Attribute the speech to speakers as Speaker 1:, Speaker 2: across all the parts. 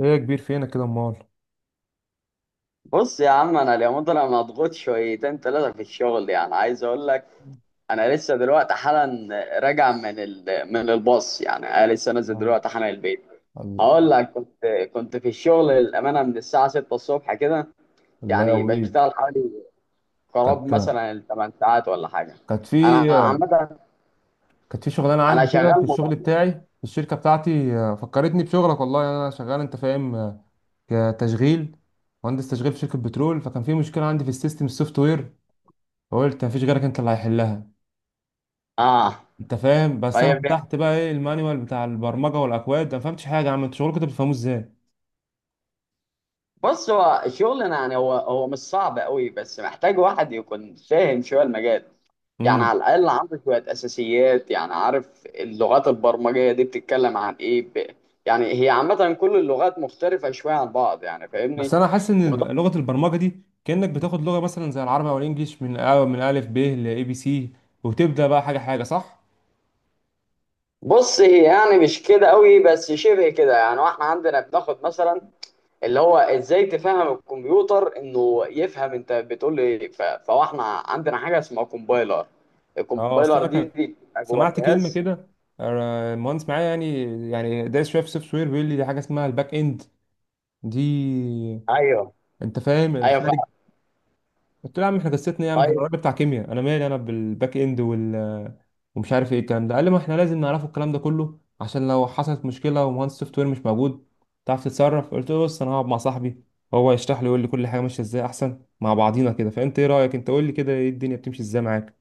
Speaker 1: ايه يا كبير، فينك كده امال؟
Speaker 2: بص يا عم، انا اليومين دول انا مضغوط شويتين ثلاثه في الشغل. يعني عايز اقول لك انا لسه دلوقتي حالا راجع من الباص. يعني انا لسه نازل
Speaker 1: آه.
Speaker 2: دلوقتي حالا البيت.
Speaker 1: آه.
Speaker 2: هقول لك كنت في الشغل الامانه من الساعه 6 الصبح كده.
Speaker 1: الله، يعني
Speaker 2: يعني
Speaker 1: يقويك.
Speaker 2: بشتغل حوالي قراب
Speaker 1: كانت
Speaker 2: مثلا ال 8 ساعات ولا حاجه.
Speaker 1: كانت
Speaker 2: انا
Speaker 1: في
Speaker 2: عامه،
Speaker 1: كانت في شغلانه
Speaker 2: انا
Speaker 1: عندي كده
Speaker 2: شغال
Speaker 1: في الشغل
Speaker 2: مبرمج.
Speaker 1: بتاعي في الشركه بتاعتي، فكرتني بشغلك. والله انا شغال، انت فاهم؟ كتشغيل، مهندس تشغيل في شركه بترول، فكان في مشكله عندي في السيستم، السوفت وير، فقلت مفيش غيرك انت اللي هيحلها.
Speaker 2: اه
Speaker 1: انت فاهم؟ بس انا
Speaker 2: طيب يعني.
Speaker 1: فتحت بقى ايه المانيوال بتاع البرمجه والاكواد، أنا ما فهمتش حاجه. يا عم انتوا شغلكم ده بتفهموه ازاي؟
Speaker 2: بص هو الشغل، يعني هو مش صعب قوي، بس محتاج واحد يكون فاهم شويه المجال. يعني على
Speaker 1: امم.
Speaker 2: الاقل عنده شويه اساسيات، يعني عارف اللغات البرمجيه دي بتتكلم عن ايه. يعني هي عامه كل اللغات مختلفه شويه عن بعض، يعني فاهمني.
Speaker 1: بس انا حاسس ان
Speaker 2: وط-
Speaker 1: لغه البرمجه دي كانك بتاخد لغه مثلا زي العربي او الانجليش، من الف ب لاي بي سي وتبدا بقى حاجه حاجه، صح؟
Speaker 2: بص هي يعني مش كده قوي بس شبه كده. يعني واحنا عندنا بناخد مثلا اللي هو ازاي تفهم الكمبيوتر انه يفهم انت بتقول ايه. فاحنا عندنا حاجه اسمها كومبايلر.
Speaker 1: اه، اصل
Speaker 2: الكومبايلر
Speaker 1: انا
Speaker 2: دي
Speaker 1: كان
Speaker 2: دي بتبقى جوه
Speaker 1: سمعت كلمه
Speaker 2: الجهاز.
Speaker 1: كده، مهندس معايا يعني، يعني دايس شويه في السوفت وير، بيقول لي دي حاجه اسمها الباك اند. دي،
Speaker 2: ايوه،
Speaker 1: انت فاهم،
Speaker 2: ايوه،
Speaker 1: الخارج.
Speaker 2: فعلا.
Speaker 1: قلت له يا عم احنا قصتنا ايه؟ يا عم احنا
Speaker 2: طيب
Speaker 1: الراجل بتاع كيمياء، انا مالي انا بالباك اند وال ومش عارف ايه الكلام ده. قال لي ما احنا لازم نعرفه الكلام ده كله، عشان لو حصلت مشكله ومهندس سوفت وير مش موجود تعرف تتصرف. قلت له بص، انا هقعد مع صاحبي، هو هيشرح لي ويقول لي كل حاجه ماشيه ازاي احسن مع بعضينا كده. فانت ايه رايك؟ انت قول لي كده ايه الدنيا بتمشي ازاي معاك.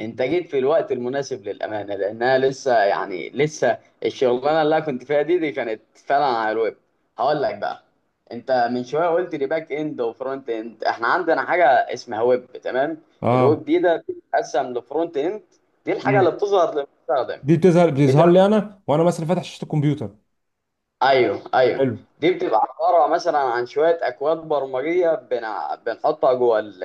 Speaker 2: انت جيت في الوقت المناسب للامانه، لانها لسه يعني لسه الشغلانه اللي انا كنت فيها دي كانت فعلا على الويب. هقول لك بقى، انت من شويه قلت لي باك اند وفرونت اند، احنا عندنا حاجه اسمها ويب، تمام. الويب
Speaker 1: اه.
Speaker 2: دي ده بتتقسم لفرونت اند. دي الحاجه اللي
Speaker 1: امم.
Speaker 2: بتظهر للمستخدم.
Speaker 1: دي بتظهر
Speaker 2: بتبقى،
Speaker 1: لي انا، وانا مثلا فاتح شاشه الكمبيوتر.
Speaker 2: ايوه، ايوه.
Speaker 1: حلو.
Speaker 2: دي بتبقى عباره مثلا عن شويه اكواد برمجيه بنحطها جوه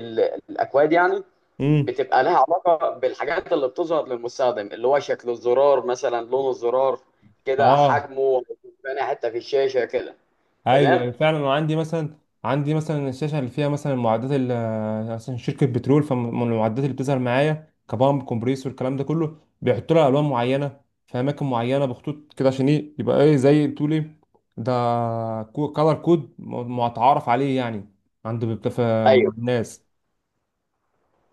Speaker 2: ال- الاكواد يعني.
Speaker 1: امم.
Speaker 2: بتبقى لها علاقة بالحاجات اللي بتظهر للمستخدم، اللي هو شكل الزرار مثلا، لون الزرار كده،
Speaker 1: اه
Speaker 2: حجمه، تاني حتة في الشاشة كده.
Speaker 1: ايوه،
Speaker 2: تمام.
Speaker 1: أيوة، فعلا. انا عندي مثلا، عندي مثلا الشاشه اللي فيها مثلا المعدات اللي، مثلا شركه بترول، فمن المعدات اللي بتظهر معايا كبامب، كومبريسور، الكلام ده كله بيحطوا لها الوان معينه في اماكن معينه بخطوط كده، عشان ايه يبقى ايه زي بتقول ايه، ده كولر كود متعارف عليه يعني مع
Speaker 2: ايوه،
Speaker 1: الناس.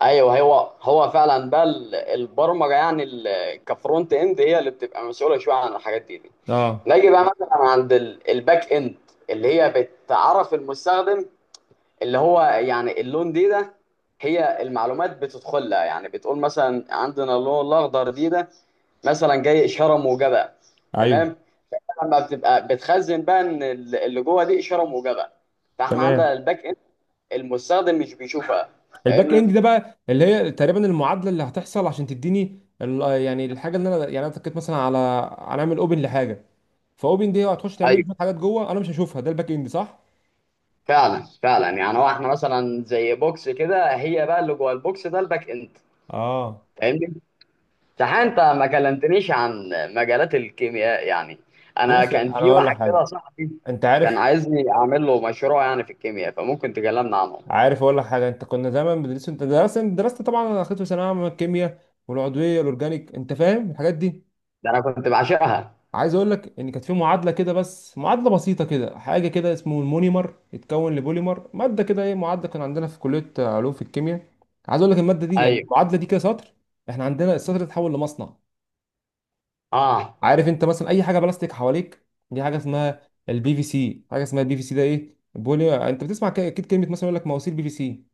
Speaker 2: ايوه، هو فعلا بقى البرمجة. يعني كفرونت اند هي اللي بتبقى مسؤولة شوية عن الحاجات دي.
Speaker 1: اه
Speaker 2: نيجي بقى مثلا عند الباك اند اللي هي بتعرف المستخدم، اللي هو يعني اللون دي ده. هي المعلومات بتدخلها، يعني بتقول مثلا عندنا اللون الاخضر دي ده مثلا جاي اشاره موجبه.
Speaker 1: ايوه
Speaker 2: تمام. لما بتبقى بتخزن بقى ان اللي جوه دي اشاره موجبه، فاحنا
Speaker 1: تمام.
Speaker 2: عندنا الباك اند، المستخدم مش بيشوفها.
Speaker 1: الباك
Speaker 2: فاهمني؟
Speaker 1: اند ده بقى اللي هي تقريبا المعادله اللي هتحصل عشان تديني ال- يعني الحاجه اللي انا، يعني انا اتكيت مثلا على، هنعمل اوبن لحاجه، فاوبن دي هتخش تعمل لي
Speaker 2: ايوه،
Speaker 1: شويه حاجات جوه انا مش هشوفها، ده الباك اند، صح؟
Speaker 2: فعلا، فعلا. يعني هو احنا مثلا زي بوكس كده، هي بقى اللي جوه البوكس ده الباك اند.
Speaker 1: اه.
Speaker 2: فاهمني؟ صح. انت ما كلمتنيش عن مجالات الكيمياء يعني. انا
Speaker 1: بص
Speaker 2: كان
Speaker 1: انا
Speaker 2: في
Speaker 1: اقول لك
Speaker 2: واحد كده
Speaker 1: حاجه،
Speaker 2: صاحبي
Speaker 1: انت
Speaker 2: كان
Speaker 1: عارف،
Speaker 2: عايزني اعمل له مشروع يعني في الكيمياء، فممكن تكلمنا عنه.
Speaker 1: عارف اقول لك حاجه؟ انت كنا زمان بندرس، انت درست طبعا. انا اخدت في ثانويه عامه الكيمياء والعضويه والاورجانيك، انت فاهم الحاجات دي.
Speaker 2: ده انا كنت بعشقها.
Speaker 1: عايز اقول لك ان كانت في معادله كده، بس معادله بسيطه كده، حاجه كده اسمه المونيمر يتكون لبوليمر ماده كده، ايه معادله كان عندنا في كليه علوم في الكيمياء. عايز اقول لك الماده دي، يعني
Speaker 2: ايوه.
Speaker 1: المعادله دي كده سطر، احنا عندنا السطر ده اتحول لمصنع.
Speaker 2: اه.
Speaker 1: عارف انت مثلا اي حاجه بلاستيك حواليك دي حاجه اسمها البي في سي. حاجه اسمها البي في سي ده ايه؟ بولي، انت بتسمع اكيد كلمه مثلا يقول لك مواسير بي في سي؟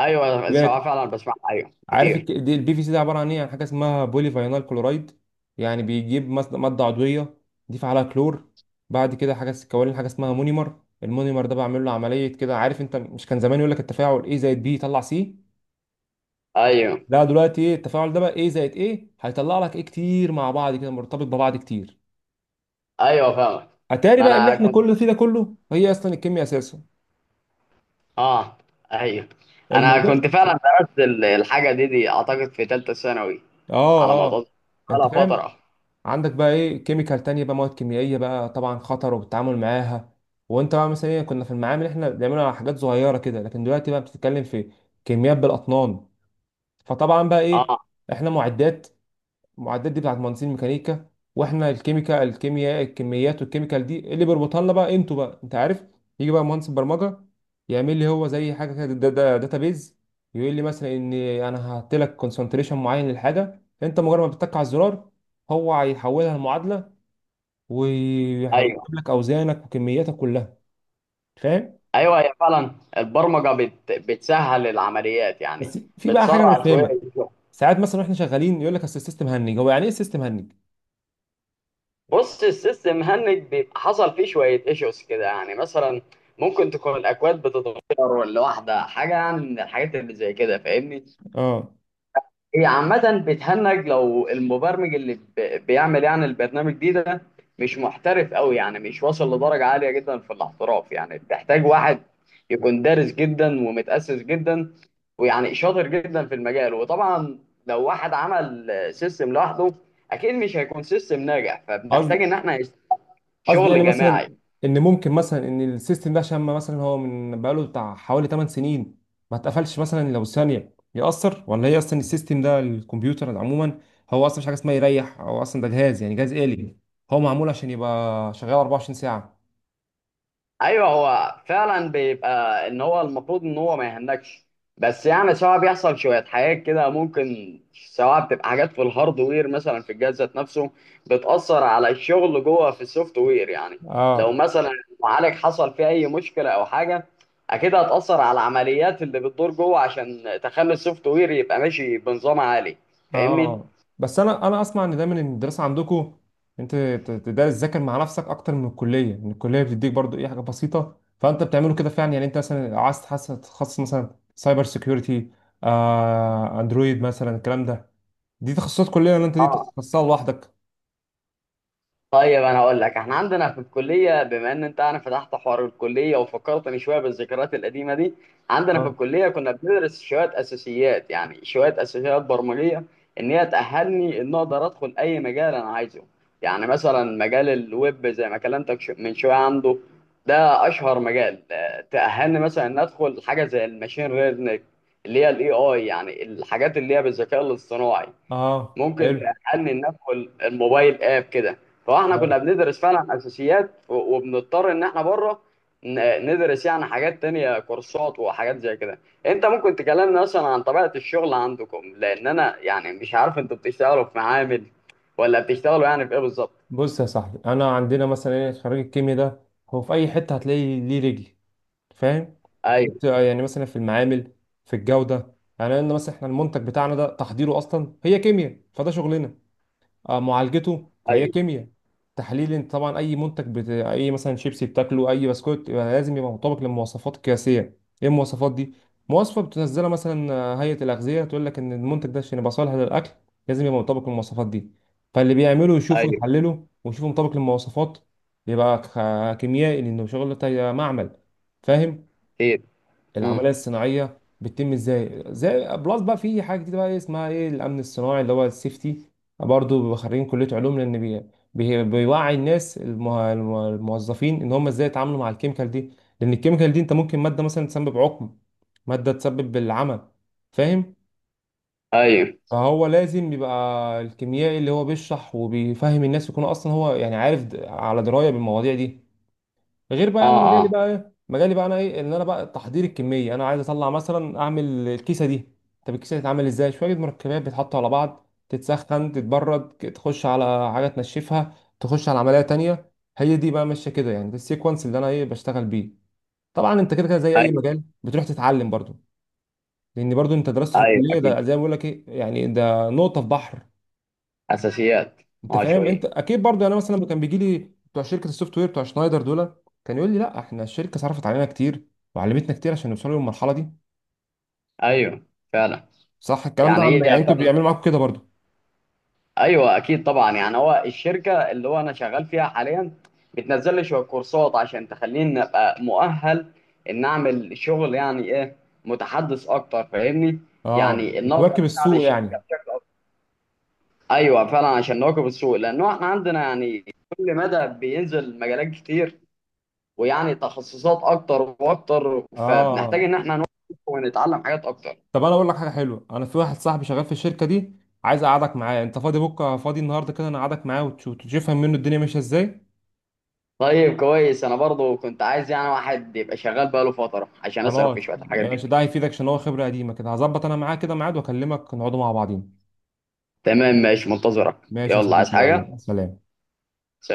Speaker 2: ايوه
Speaker 1: بالك،
Speaker 2: الصراحه فعلا بسمعها ايوه
Speaker 1: عارف
Speaker 2: كتير.
Speaker 1: دي البي في سي ده عباره عن ايه؟ عن حاجه اسمها بولي فاينال كلورايد. يعني بيجيب ماده عضويه، دي فعلها كلور، بعد كده حاجه كوالين، حاجه اسمها مونيمر، المونيمر ده بعمل له عمليه كده. عارف انت مش كان زمان يقول لك التفاعل ايه زائد بي يطلع سي؟
Speaker 2: ايوه،
Speaker 1: لا دلوقتي ايه التفاعل ده بقى، ايه زائد ايه هيطلع لك ايه كتير مع بعض كده، مرتبط ببعض كتير.
Speaker 2: ايوه، فاهمك.
Speaker 1: اتاري
Speaker 2: ما
Speaker 1: بقى اللي
Speaker 2: انا
Speaker 1: احنا
Speaker 2: كنت
Speaker 1: كل فيه ده كله هي اصلا الكيمياء اساسه
Speaker 2: اه، ايوه، انا
Speaker 1: الموضوع.
Speaker 2: كنت فعلا درست الحاجه دي اعتقد في ثالثه ثانوي، على ما
Speaker 1: اه اه.
Speaker 2: اتذكر،
Speaker 1: انت
Speaker 2: على
Speaker 1: فاهم،
Speaker 2: فتره.
Speaker 1: عندك بقى ايه كيميكال تانية بقى، مواد كيميائيه بقى طبعا خطر والتعامل معاها. وانت بقى مثلا إيه، كنا في المعامل احنا بنعملها على حاجات صغيره كده، لكن دلوقتي بقى بتتكلم في كميات بالاطنان. فطبعا بقى ايه،
Speaker 2: اه.
Speaker 1: احنا معدات، المعدات دي بتاعت مهندسين الميكانيكا، واحنا الكيميكا، الكيمياء، الكميات والكيميكال دي اللي بيربطها لنا بقى انتوا بقى، انت عارف، يجي بقى مهندس البرمجه يعمل لي هو زي حاجه كده، دا داتابيز، يقول لي مثلا ان انا هحط لك كونسنتريشن معين للحاجه، انت مجرد ما بتتك على الزرار هو هيحولها لمعادله ويجيب
Speaker 2: ايوه،
Speaker 1: لك اوزانك وكمياتك كلها. فاهم؟
Speaker 2: ايوه هي فعلا البرمجه بتسهل العمليات يعني.
Speaker 1: بس في بقى حاجه انا مش
Speaker 2: بتسرع شويه
Speaker 1: فاهمها،
Speaker 2: الشغل.
Speaker 1: ساعات مثلا واحنا شغالين يقول لك اصل السيستم هنج، هو يعني ايه السيستم هنج؟
Speaker 2: بص السيستم هنج بيبقى حصل فيه شويه ايشوز كده، يعني مثلا ممكن تكون الاكواد بتتغير ولا واحده، حاجه يعني من الحاجات اللي زي كده. فاهمني؟
Speaker 1: اه،
Speaker 2: هي عامة بتهنج لو المبرمج اللي بيعمل يعني البرنامج دي ده مش محترف قوي، يعني مش واصل لدرجة عالية جدا في الاحتراف. يعني بتحتاج واحد يكون دارس جدا ومتأسس جدا، ويعني شاطر جدا في المجال. وطبعا لو واحد عمل سيستم لوحده اكيد مش هيكون سيستم ناجح، فبنحتاج ان احنا
Speaker 1: قصدي يعني
Speaker 2: شغل جماعي.
Speaker 1: مثلا ان ممكن مثلا ان السيستم ده، عشان ما مثلا هو من بقاله بتاع حوالي 8 سنين ما اتقفلش، مثلا لو ثانيه يأثر؟ ولا هي اصلا السيستم ده، الكمبيوتر عموما هو اصلا مش حاجه اسمها يريح، هو اصلا ده جهاز، يعني جهاز آلي، هو معمول عشان يبقى شغال 24 ساعه.
Speaker 2: ايوه هو فعلا بيبقى ان هو المفروض ان هو ما يهنكش، بس يعني سواء بيحصل شويه حاجات كده، ممكن سواء بتبقى حاجات في الهاردوير مثلا في الجهاز ذات نفسه بتاثر على الشغل جوه في السوفت وير يعني. لو
Speaker 1: اه
Speaker 2: مثلا المعالج حصل فيه اي مشكله او حاجه اكيد هتاثر على العمليات اللي بتدور جوه عشان تخلي السوفت وير يبقى ماشي بنظام عالي. فاهمني؟
Speaker 1: اه. بس انا اسمع ان دايما ان الدراسه عندكم انت تدرس تذاكر مع نفسك اكتر من الكليه، ان الكليه بتديك برضو ايه حاجه بسيطه، فانت بتعمله كده فعلا؟ يعني انت مثلا عايز تتخصص مثلا سايبر سيكيورتي، اندرويد مثلا الكلام ده، دي تخصصات كليه ولا انت دي
Speaker 2: اه.
Speaker 1: تخصصها لوحدك؟
Speaker 2: طيب انا هقول لك، احنا عندنا في الكليه، بما ان انت انا فتحت حوار الكليه وفكرتني شويه بالذكريات القديمه دي، عندنا في
Speaker 1: اه
Speaker 2: الكليه كنا بندرس شويه اساسيات، يعني شويه اساسيات برمجيه، ان هي تاهلني ان اقدر ادخل اي مجال انا عايزه. يعني مثلا مجال الويب زي ما كلمتك من شويه عنده، ده اشهر مجال. تاهلني مثلا ان ادخل حاجه زي الماشين ليرنينج اللي هي الاي اي، يعني الحاجات اللي هي بالذكاء الاصطناعي.
Speaker 1: اه
Speaker 2: ممكن
Speaker 1: حلو.
Speaker 2: تأني ندخل الموبايل اب كده. فاحنا كنا
Speaker 1: آه.
Speaker 2: بندرس فعلا اساسيات، وبنضطر ان احنا بره ندرس يعني حاجات تانية، كورسات وحاجات زي كده. انت ممكن تكلمنا مثلا عن طبيعة الشغل عندكم، لان انا يعني مش عارف انتوا بتشتغلوا في معامل ولا بتشتغلوا يعني في ايه بالظبط.
Speaker 1: بص يا صاحبي، انا عندنا مثلا ايه، خريج الكيمياء ده هو في اي حته هتلاقي ليه رجل. فاهم؟ انت
Speaker 2: ايوه.
Speaker 1: يعني مثلا في المعامل، في الجوده، يعني لان مثلا احنا المنتج بتاعنا ده تحضيره اصلا هي كيمياء، فده شغلنا، معالجته فهي
Speaker 2: ايوه.
Speaker 1: كيمياء، تحليل، انت طبعا اي اي مثلا شيبسي بتاكله، اي بسكوت، يبقى لازم يبقى مطابق للمواصفات القياسيه. ايه المواصفات دي؟ مواصفه بتنزلها مثلا، هيئه الاغذيه، تقول لك ان المنتج ده عشان يبقى صالح للاكل لازم يبقى مطابق للمواصفات دي. فاللي بيعمله يشوفه،
Speaker 2: ايوه
Speaker 1: يحلله، ويشوفه مطابق للمواصفات، يبقى كيميائي، لانه شغل بتاع معمل. فاهم؟
Speaker 2: اكيد. امم.
Speaker 1: العمليه الصناعيه بتتم ازاي زي بلس بقى، في حاجه جديده بقى اسمها ايه، الامن الصناعي اللي هو السيفتي، برضه بيبقوا خارجين كليه علوم، لان بيوعي الناس الموظفين ان هم ازاي يتعاملوا مع الكيميكال دي. لان الكيميكال دي، انت ممكن ماده مثلا تسبب عقم، ماده تسبب بالعمى. فاهم؟
Speaker 2: ايوه.
Speaker 1: فهو لازم يبقى الكيميائي اللي هو بيشرح وبيفهم الناس يكون اصلا هو يعني عارف، على درايه بالمواضيع دي. غير بقى
Speaker 2: اه.
Speaker 1: انا مجالي
Speaker 2: اه.
Speaker 1: بقى ايه، مجالي بقى انا ايه، ان انا بقى تحضير الكميه، انا عايز اطلع مثلا اعمل الكيسه دي. طب الكيسه دي تتعمل ازاي؟ شويه مركبات بيتحطوا على بعض، تتسخن، تتبرد، تخش على حاجه تنشفها، تخش على عمليه تانية. هي دي بقى ماشيه كده يعني، ده السيكونس اللي انا ايه بشتغل بيه. طبعا انت كده كده زي اي
Speaker 2: ايوه.
Speaker 1: مجال بتروح تتعلم برضو، لان برضو انت درست في
Speaker 2: ايوه
Speaker 1: الكليه
Speaker 2: اكيد.
Speaker 1: ده زي ما بقول لك ايه يعني، ده نقطه في بحر.
Speaker 2: اساسيات.
Speaker 1: انت
Speaker 2: اه،
Speaker 1: فاهم، انت
Speaker 2: شوية.
Speaker 1: اكيد برضه يعني، انا مثلا كان بيجي لي بتوع شركه السوفت وير بتوع شنايدر دول كان يقول لي لا احنا الشركه صرفت علينا كتير وعلمتنا كتير عشان نوصلوا للمرحله دي.
Speaker 2: ايوه فعلا.
Speaker 1: صح الكلام ده؟
Speaker 2: يعني
Speaker 1: عن يعني
Speaker 2: هي
Speaker 1: انتوا
Speaker 2: فعلا.
Speaker 1: بيعملوا معاكم كده برضه؟
Speaker 2: ايوه اكيد طبعا. يعني هو الشركه اللي هو انا شغال فيها حاليا بتنزل لي شويه كورسات عشان تخليني ابقى مؤهل، ان اعمل شغل يعني ايه، متحدث اكتر. فاهمني؟
Speaker 1: اه
Speaker 2: يعني ان اقدر
Speaker 1: بتواكب
Speaker 2: اساعد
Speaker 1: السوق
Speaker 2: الشركه
Speaker 1: يعني.
Speaker 2: بشكل اكتر. ايوه فعلا عشان نواكب السوق، لانه احنا عندنا يعني كل مدى بينزل مجالات كتير، ويعني تخصصات اكتر واكتر،
Speaker 1: اه. آه.
Speaker 2: فبنحتاج ان احنا نواكب ونتعلم حاجات اكتر.
Speaker 1: طب انا اقول لك حاجه حلوه، انا في واحد صاحبي شغال في الشركه دي، عايز اقعدك معاه. انت فاضي بكره، فاضي النهارده كده، انا اقعدك معاه وتشوف تفهم منه الدنيا ماشيه ازاي.
Speaker 2: طيب كويس. انا برضو كنت عايز يعني واحد يبقى شغال بقاله فتره عشان اساله في
Speaker 1: خلاص
Speaker 2: شويه الحاجات دي.
Speaker 1: ماشي، ده هيفيدك عشان هو خبره قديمه كده، هظبط انا معاه كده ميعاد واكلمك نقعدوا مع بعضين.
Speaker 2: تمام ماشي، منتظرك.
Speaker 1: ماشي يا
Speaker 2: يلا
Speaker 1: صديقي،
Speaker 2: عايز
Speaker 1: يلا
Speaker 2: حاجة؟
Speaker 1: سلام.